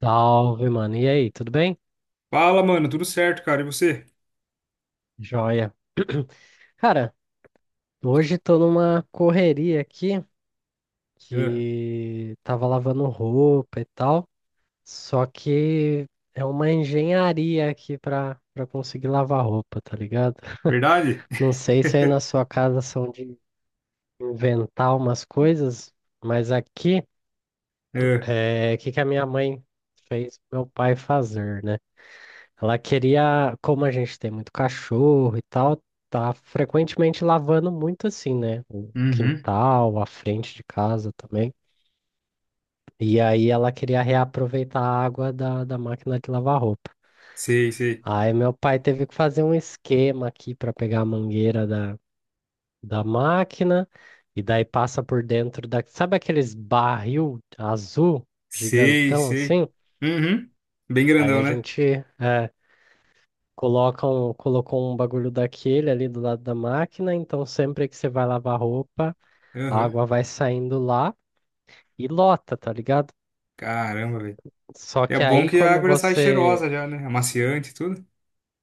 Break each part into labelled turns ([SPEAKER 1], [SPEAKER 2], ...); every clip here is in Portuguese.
[SPEAKER 1] Salve, mano. E aí, tudo bem?
[SPEAKER 2] Fala, mano, tudo certo, cara, e você?
[SPEAKER 1] Joia. Cara, hoje tô numa correria aqui
[SPEAKER 2] É,
[SPEAKER 1] que tava lavando roupa e tal, só que é uma engenharia aqui pra conseguir lavar roupa, tá ligado?
[SPEAKER 2] verdade?
[SPEAKER 1] Não sei se aí na sua casa são de inventar umas coisas, mas aqui
[SPEAKER 2] É,
[SPEAKER 1] é o que que a minha mãe fez meu pai fazer, né? Ela queria, como a gente tem muito cachorro e tal, tá frequentemente lavando muito assim, né? O
[SPEAKER 2] uhum,
[SPEAKER 1] quintal, a frente de casa também. E aí ela queria reaproveitar a água da máquina de lavar roupa.
[SPEAKER 2] sei, sei,
[SPEAKER 1] Aí meu pai teve que fazer um esquema aqui para pegar a mangueira da máquina e daí passa por dentro. Sabe aqueles barril azul
[SPEAKER 2] sei,
[SPEAKER 1] gigantão
[SPEAKER 2] sei,
[SPEAKER 1] assim?
[SPEAKER 2] uhum, bem
[SPEAKER 1] Aí
[SPEAKER 2] grandão,
[SPEAKER 1] a
[SPEAKER 2] né?
[SPEAKER 1] gente, é, colocou um bagulho daquele ali do lado da máquina, então sempre que você vai lavar roupa, a
[SPEAKER 2] Uhum.
[SPEAKER 1] água vai saindo lá e lota, tá ligado?
[SPEAKER 2] Caramba, velho.
[SPEAKER 1] Só
[SPEAKER 2] É
[SPEAKER 1] que
[SPEAKER 2] bom
[SPEAKER 1] aí
[SPEAKER 2] que a
[SPEAKER 1] quando
[SPEAKER 2] água já sai cheirosa
[SPEAKER 1] você.
[SPEAKER 2] já, né? Amaciante e tudo.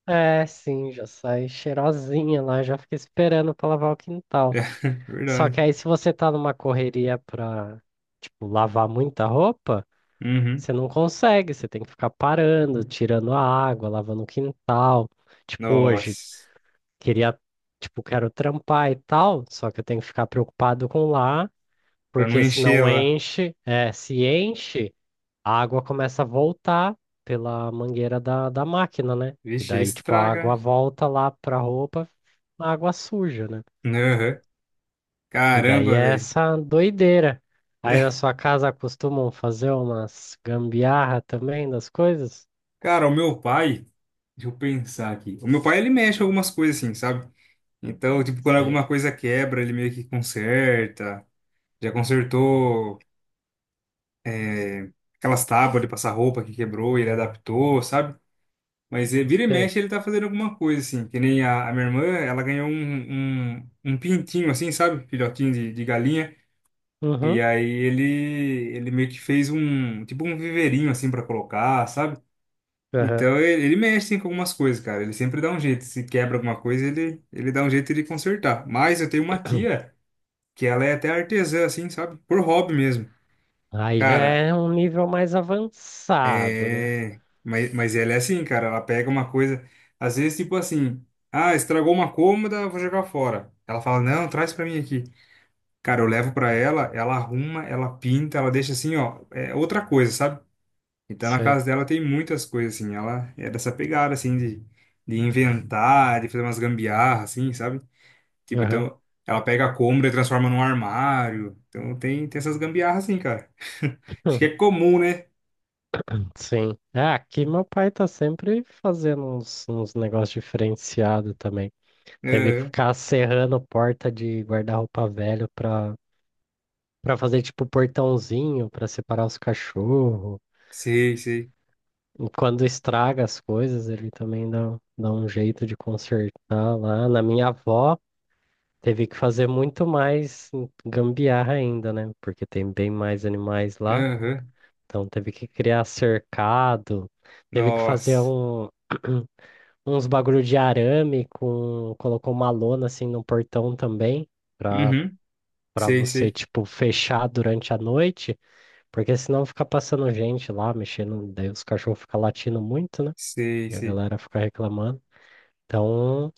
[SPEAKER 1] É, sim, já sai cheirosinha lá, já fica esperando pra lavar o quintal.
[SPEAKER 2] É,
[SPEAKER 1] Só que
[SPEAKER 2] verdade.
[SPEAKER 1] aí se você tá numa correria pra, tipo, lavar muita roupa,
[SPEAKER 2] Uhum.
[SPEAKER 1] você não consegue, você tem que ficar parando, tirando a água, lavando o quintal. Tipo hoje.
[SPEAKER 2] Nossa,
[SPEAKER 1] Queria, tipo, quero trampar e tal, só que eu tenho que ficar preocupado com lá,
[SPEAKER 2] pra não
[SPEAKER 1] porque se
[SPEAKER 2] encher
[SPEAKER 1] não
[SPEAKER 2] lá.
[SPEAKER 1] enche, se enche, a água começa a voltar pela mangueira da máquina, né? E
[SPEAKER 2] Vixe, aí
[SPEAKER 1] daí, tipo, a
[SPEAKER 2] estraga,
[SPEAKER 1] água volta lá pra roupa, a água suja, né?
[SPEAKER 2] né? Uhum.
[SPEAKER 1] E daí
[SPEAKER 2] Caramba,
[SPEAKER 1] é
[SPEAKER 2] velho.
[SPEAKER 1] essa doideira. Aí na sua casa costumam fazer umas gambiarra também das coisas?
[SPEAKER 2] Cara, o meu pai, deixa eu pensar aqui, o meu pai, ele mexe com algumas coisas assim, sabe? Então, tipo, quando
[SPEAKER 1] Sei,
[SPEAKER 2] alguma coisa quebra, ele meio que conserta. Já consertou é, aquelas tábuas de passar roupa que quebrou, ele adaptou, sabe? Mas vira e
[SPEAKER 1] sei.
[SPEAKER 2] mexe ele tá fazendo alguma coisa, assim. Que nem a minha irmã, ela ganhou um pintinho, assim, sabe? Filhotinho de galinha. E
[SPEAKER 1] Uhum,
[SPEAKER 2] aí ele meio que fez um, tipo um viveirinho, assim, pra colocar, sabe?
[SPEAKER 1] aham.
[SPEAKER 2] Então ele mexe, assim, com algumas coisas, cara. Ele sempre dá um jeito. Se quebra alguma coisa, ele dá um jeito de consertar. Mas eu tenho uma tia. Que ela é até artesã, assim, sabe? Por hobby mesmo.
[SPEAKER 1] Aí já
[SPEAKER 2] Cara,
[SPEAKER 1] é um nível mais avançado, né?
[SPEAKER 2] é. Mas ela é assim, cara, ela pega uma coisa. Às vezes, tipo assim, ah, estragou uma cômoda, vou jogar fora. Ela fala, não, traz pra mim aqui. Cara, eu levo pra ela, ela arruma, ela pinta, ela deixa assim, ó, é outra coisa, sabe? Então na
[SPEAKER 1] Sei.
[SPEAKER 2] casa dela tem muitas coisas, assim, ela é dessa pegada, assim, de inventar, de fazer umas gambiarras, assim, sabe? Tipo,
[SPEAKER 1] Aham.
[SPEAKER 2] então, ela pega a cômoda e transforma num armário. Então, tem, tem essas gambiarras assim, cara. Acho que é comum, né?
[SPEAKER 1] Sim. É, aqui meu pai tá sempre fazendo uns negócios diferenciados também. Teve que
[SPEAKER 2] Aham.
[SPEAKER 1] ficar serrando porta de guarda-roupa velho pra fazer tipo portãozinho pra separar os cachorros.
[SPEAKER 2] Sei, sei.
[SPEAKER 1] E quando estraga as coisas, ele também dá um jeito de consertar lá. Na minha avó, teve que fazer muito mais gambiarra ainda, né? Porque tem bem mais animais lá.
[SPEAKER 2] Aham.
[SPEAKER 1] Então teve que criar cercado, teve que fazer
[SPEAKER 2] Nossa.
[SPEAKER 1] uns bagulho de arame colocou uma lona assim no portão também, para
[SPEAKER 2] Uhum.
[SPEAKER 1] para
[SPEAKER 2] Sei,
[SPEAKER 1] você
[SPEAKER 2] sei.
[SPEAKER 1] tipo fechar durante a noite, porque senão fica passando gente lá mexendo, daí os cachorros ficam latindo muito, né?
[SPEAKER 2] Sei,
[SPEAKER 1] E a
[SPEAKER 2] sei.
[SPEAKER 1] galera fica reclamando. Então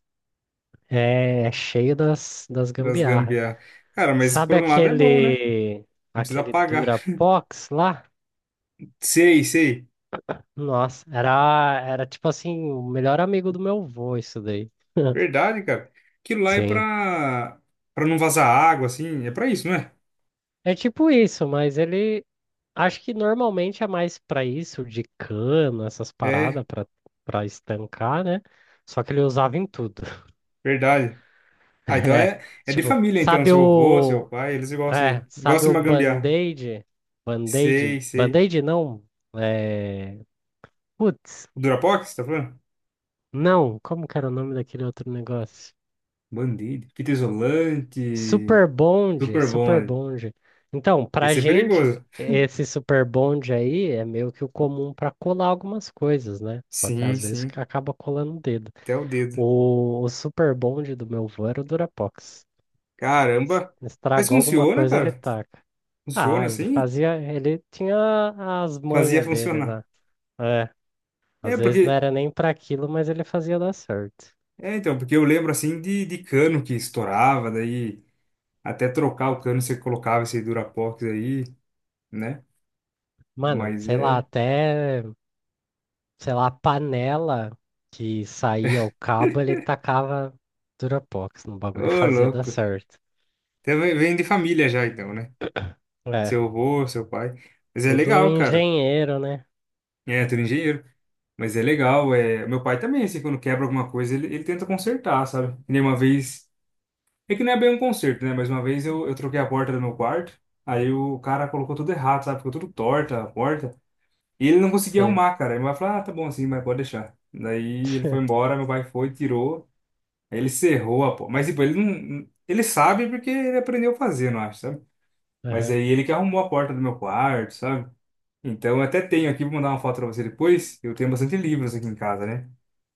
[SPEAKER 1] é cheio das
[SPEAKER 2] Das
[SPEAKER 1] gambiarra.
[SPEAKER 2] gambiarras. Cara, mas
[SPEAKER 1] Sabe
[SPEAKER 2] por um lado é bom, né?
[SPEAKER 1] aquele
[SPEAKER 2] Não precisa
[SPEAKER 1] aquele
[SPEAKER 2] pagar.
[SPEAKER 1] Durapox lá?
[SPEAKER 2] Sei, sei.
[SPEAKER 1] Nossa, era tipo assim, o melhor amigo do meu avô, isso daí.
[SPEAKER 2] Verdade, cara. Aquilo lá é
[SPEAKER 1] Sim.
[SPEAKER 2] pra, pra não vazar água, assim. É pra isso, não é?
[SPEAKER 1] É tipo isso, mas ele acho que normalmente é mais pra isso, de cano, essas paradas
[SPEAKER 2] É,
[SPEAKER 1] pra para estancar, né? Só que ele usava em tudo.
[SPEAKER 2] verdade. Ah, então
[SPEAKER 1] É,
[SPEAKER 2] é, é de
[SPEAKER 1] tipo,
[SPEAKER 2] família, então. Seu avô, seu pai, eles
[SPEAKER 1] sabe
[SPEAKER 2] gostam
[SPEAKER 1] o
[SPEAKER 2] de uma gambiarra.
[SPEAKER 1] Band-Aid? Band-Aid?
[SPEAKER 2] Sei, sei.
[SPEAKER 1] Band-Aid não. É, putz,
[SPEAKER 2] O Durapox, você tá falando?
[SPEAKER 1] não, como que era o nome daquele outro negócio?
[SPEAKER 2] Band-Aid, fita isolante.
[SPEAKER 1] Super bonde,
[SPEAKER 2] Super bom,
[SPEAKER 1] super
[SPEAKER 2] né?
[SPEAKER 1] bonde. Então, pra
[SPEAKER 2] Esse é
[SPEAKER 1] gente,
[SPEAKER 2] perigoso.
[SPEAKER 1] esse super bonde aí é meio que o comum para colar algumas coisas, né? Só que
[SPEAKER 2] Sim,
[SPEAKER 1] às vezes
[SPEAKER 2] sim.
[SPEAKER 1] que acaba colando o dedo.
[SPEAKER 2] Até o dedo.
[SPEAKER 1] O super bonde do meu avô era o Durapox.
[SPEAKER 2] Caramba. Mas
[SPEAKER 1] Estragou alguma
[SPEAKER 2] funciona,
[SPEAKER 1] coisa, ele
[SPEAKER 2] cara?
[SPEAKER 1] taca.
[SPEAKER 2] Funciona
[SPEAKER 1] Ah, ele
[SPEAKER 2] assim?
[SPEAKER 1] fazia, ele tinha as
[SPEAKER 2] Fazia
[SPEAKER 1] manhas dele
[SPEAKER 2] funcionar.
[SPEAKER 1] lá. É,
[SPEAKER 2] É,
[SPEAKER 1] às vezes
[SPEAKER 2] porque.
[SPEAKER 1] não era nem pra aquilo, mas ele fazia dar certo.
[SPEAKER 2] É, então, porque eu lembro assim de cano que estourava, daí até trocar o cano você colocava esse Durapox aí, né?
[SPEAKER 1] Mano,
[SPEAKER 2] Mas
[SPEAKER 1] sei lá,
[SPEAKER 2] é.
[SPEAKER 1] até. Sei lá, a panela que saía o cabo, ele tacava Durapox no bagulho e
[SPEAKER 2] Ô,
[SPEAKER 1] fazia dar
[SPEAKER 2] louco.
[SPEAKER 1] certo.
[SPEAKER 2] Até vem de família já, então, né?
[SPEAKER 1] É,
[SPEAKER 2] Seu avô, seu pai. Mas é
[SPEAKER 1] tudo
[SPEAKER 2] legal, cara.
[SPEAKER 1] engenheiro, né?
[SPEAKER 2] É, tu é engenheiro. Mas é legal, é... Meu pai também, assim, quando quebra alguma coisa, ele tenta consertar, sabe? E nem uma vez... É que não é bem um conserto, né? Mas uma vez eu troquei a porta do meu quarto, aí o cara colocou tudo errado, sabe? Ficou tudo torta a porta, e ele não conseguia
[SPEAKER 1] Sei.
[SPEAKER 2] arrumar, cara. Aí meu pai falou, ah, tá bom assim, mas pode deixar. Daí ele foi embora, meu pai foi, tirou, aí ele cerrou a porta. Mas, tipo, ele não... Ele sabe porque ele aprendeu a fazer, não acho, sabe? Mas
[SPEAKER 1] Aham.
[SPEAKER 2] aí ele que arrumou a porta do meu quarto, sabe? Então, eu até tenho aqui, vou mandar uma foto pra você depois. Eu tenho bastante livros aqui em casa, né?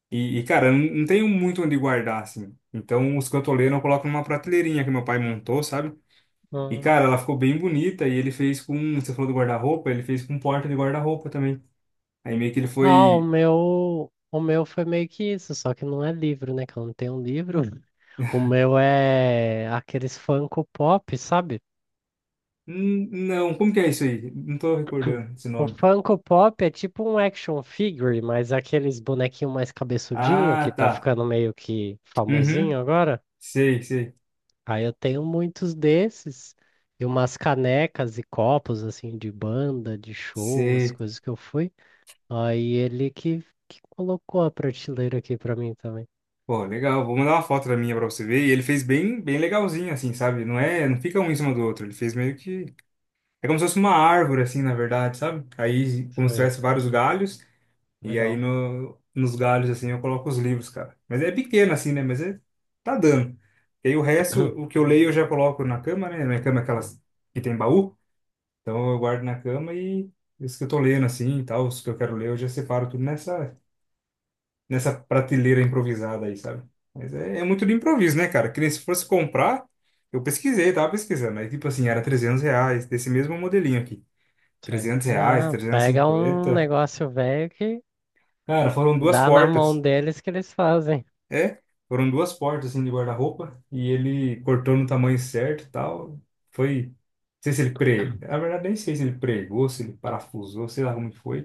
[SPEAKER 2] Cara, eu não tenho muito onde guardar, assim. Então, os cantoleiros eu coloco numa prateleirinha que meu pai montou, sabe? E,
[SPEAKER 1] Hum.
[SPEAKER 2] cara, ela ficou bem bonita e ele fez com. Você falou do guarda-roupa, ele fez com porta de guarda-roupa também. Aí meio que ele
[SPEAKER 1] Ah, o
[SPEAKER 2] foi.
[SPEAKER 1] meu, o meu foi meio que isso, só que não é livro, né? Que eu não tenho um livro. O meu é aqueles Funko Pop, sabe?
[SPEAKER 2] Não, como que é isso aí? Não tô recordando esse
[SPEAKER 1] O
[SPEAKER 2] nome.
[SPEAKER 1] Funko Pop é tipo um action figure, mas é aqueles bonequinho mais cabeçudinho
[SPEAKER 2] Ah,
[SPEAKER 1] que tá
[SPEAKER 2] tá.
[SPEAKER 1] ficando meio que
[SPEAKER 2] Uhum.
[SPEAKER 1] famosinho agora.
[SPEAKER 2] Sei, sei,
[SPEAKER 1] Aí eu tenho muitos desses e umas canecas e copos assim de banda, de show, as
[SPEAKER 2] sei.
[SPEAKER 1] coisas que eu fui. Aí ele que colocou a prateleira aqui pra mim também.
[SPEAKER 2] Pô, legal. Vou mandar uma foto da minha pra você ver. E ele fez bem, bem legalzinho, assim, sabe? Não é, não fica um em cima do outro. Ele fez meio que é como se fosse uma árvore, assim, na verdade, sabe? Aí, como se
[SPEAKER 1] Sei,
[SPEAKER 2] tivesse vários galhos, e aí
[SPEAKER 1] legal.
[SPEAKER 2] no, nos galhos, assim, eu coloco os livros, cara. Mas é pequeno, assim, né? Mas é, tá dando. E aí o resto, o que eu leio, eu já coloco na cama, né? Minha cama é aquelas que tem baú, então eu guardo na cama e os que eu tô lendo, assim, e tal, os que eu quero ler, eu já separo tudo nessa prateleira improvisada aí, sabe? Mas é, é muito do improviso, né, cara? Que nem se fosse comprar, eu pesquisei, tava pesquisando. Aí, tipo assim, era 300 reais, desse mesmo modelinho aqui,
[SPEAKER 1] Sei.
[SPEAKER 2] 300 reais,
[SPEAKER 1] Ah,
[SPEAKER 2] trezentos e
[SPEAKER 1] pega um
[SPEAKER 2] cinquenta.
[SPEAKER 1] negócio velho que
[SPEAKER 2] Cara, foram duas
[SPEAKER 1] dá na mão
[SPEAKER 2] portas.
[SPEAKER 1] deles que eles fazem.
[SPEAKER 2] É, foram duas portas assim de guarda-roupa e ele cortou no tamanho certo e tal. Foi, não sei se ele pre, na verdade nem sei se ele pregou, se ele parafusou, sei lá como que foi.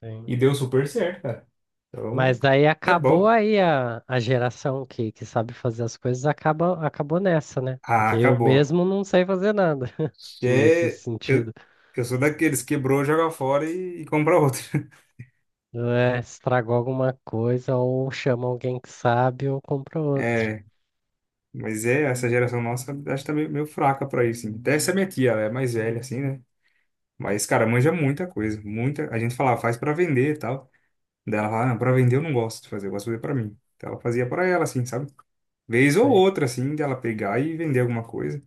[SPEAKER 1] Sim.
[SPEAKER 2] E deu super certo, cara. Então,
[SPEAKER 1] Mas daí
[SPEAKER 2] é
[SPEAKER 1] acabou
[SPEAKER 2] bom.
[SPEAKER 1] aí a geração que sabe fazer as coisas acabou nessa, né?
[SPEAKER 2] Ah,
[SPEAKER 1] Porque eu
[SPEAKER 2] acabou.
[SPEAKER 1] mesmo não sei fazer nada nesse
[SPEAKER 2] É,
[SPEAKER 1] sentido.
[SPEAKER 2] eu sou daqueles quebrou, joga fora e compra outro.
[SPEAKER 1] É, estragou alguma coisa, ou chama alguém que sabe, ou compra outro.
[SPEAKER 2] É, mas é, essa geração nossa acho que tá meio, meio fraca pra isso. Assim. Até essa minha tia, ela é mais velha, assim, né? Mas, cara, manja muita coisa, muita. A gente falava, faz pra vender e tal. Daí ela falava, não, pra vender eu não gosto de fazer, eu gosto de fazer pra mim. Então ela fazia pra ela, assim, sabe? Vez ou
[SPEAKER 1] Sim.
[SPEAKER 2] outra, assim, dela pegar e vender alguma coisa.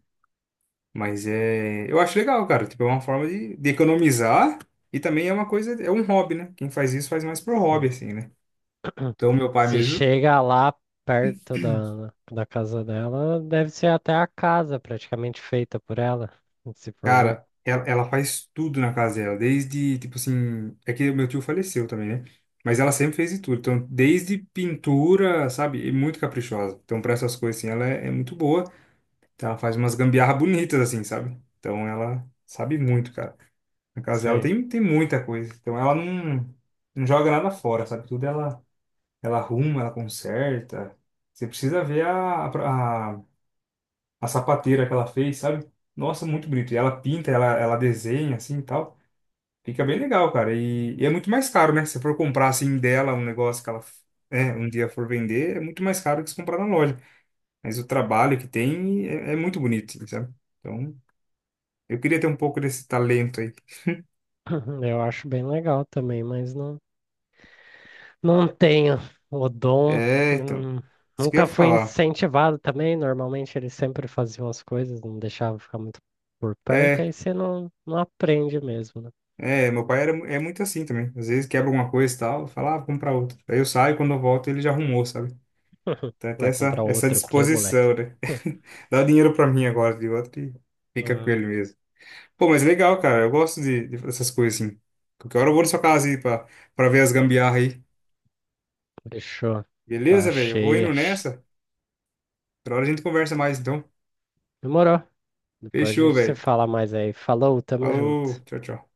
[SPEAKER 2] Mas é. Eu acho legal, cara. Tipo, é uma forma de economizar e também é uma coisa, é um hobby, né? Quem faz isso faz mais pro hobby,
[SPEAKER 1] Sim.
[SPEAKER 2] assim, né? Então, meu pai
[SPEAKER 1] Se
[SPEAKER 2] mesmo
[SPEAKER 1] chega lá perto da casa dela, deve ser até a casa praticamente feita por ela, se for ver.
[SPEAKER 2] cara, ela faz tudo na casa dela, desde, tipo assim, é que meu tio faleceu também, né? Mas ela sempre fez de tudo, então, desde pintura, sabe? E muito caprichosa. Então, para essas coisas, assim, ela é, é muito boa. Então, ela faz umas gambiarra bonitas, assim, sabe? Então, ela sabe muito, cara. Na casa dela
[SPEAKER 1] Sei.
[SPEAKER 2] tem, tem muita coisa. Então, ela não, não joga nada fora, sabe? Tudo ela, ela arruma, ela conserta. Você precisa ver a, a sapateira que ela fez, sabe? Nossa, muito bonito. E ela pinta, ela desenha assim e tal. Fica bem legal, cara. E é muito mais caro, né? Se você for comprar assim dela um negócio que ela, né, um dia for vender, é muito mais caro que se comprar na loja. Mas o trabalho que tem é, é muito bonito, assim, sabe? Então, eu queria ter um pouco desse talento aí.
[SPEAKER 1] Eu acho bem legal também, mas não tenho o dom.
[SPEAKER 2] É, então,
[SPEAKER 1] hum,
[SPEAKER 2] isso que eu ia
[SPEAKER 1] Nunca fui
[SPEAKER 2] falar.
[SPEAKER 1] incentivado também. Normalmente eles sempre faziam as coisas, não deixavam ficar muito por perto,
[SPEAKER 2] É,
[SPEAKER 1] aí você não aprende mesmo, né?
[SPEAKER 2] meu pai era, mu- é muito assim também. Às vezes quebra alguma coisa e tal, fala, ah, vou comprar outra. Aí eu saio, quando eu volto ele já arrumou, sabe? Então tem
[SPEAKER 1] Vai
[SPEAKER 2] essa,
[SPEAKER 1] comprar
[SPEAKER 2] essa
[SPEAKER 1] outro o quê, moleque?
[SPEAKER 2] disposição, né? Dá o dinheiro pra mim agora de outro e fica com
[SPEAKER 1] Ah,
[SPEAKER 2] ele mesmo. Pô, mas legal, cara. Eu gosto de dessas coisas assim. Qualquer hora eu vou na sua casa aí pra, pra ver as gambiarra aí.
[SPEAKER 1] fechou. Tá
[SPEAKER 2] Beleza, velho? Eu vou
[SPEAKER 1] cheia.
[SPEAKER 2] indo nessa. Outra hora a gente conversa mais, então.
[SPEAKER 1] Demorou. Depois a
[SPEAKER 2] Fechou,
[SPEAKER 1] gente se
[SPEAKER 2] velho.
[SPEAKER 1] fala mais aí. Falou, tamo
[SPEAKER 2] Falou.
[SPEAKER 1] junto.
[SPEAKER 2] Tchau, tchau.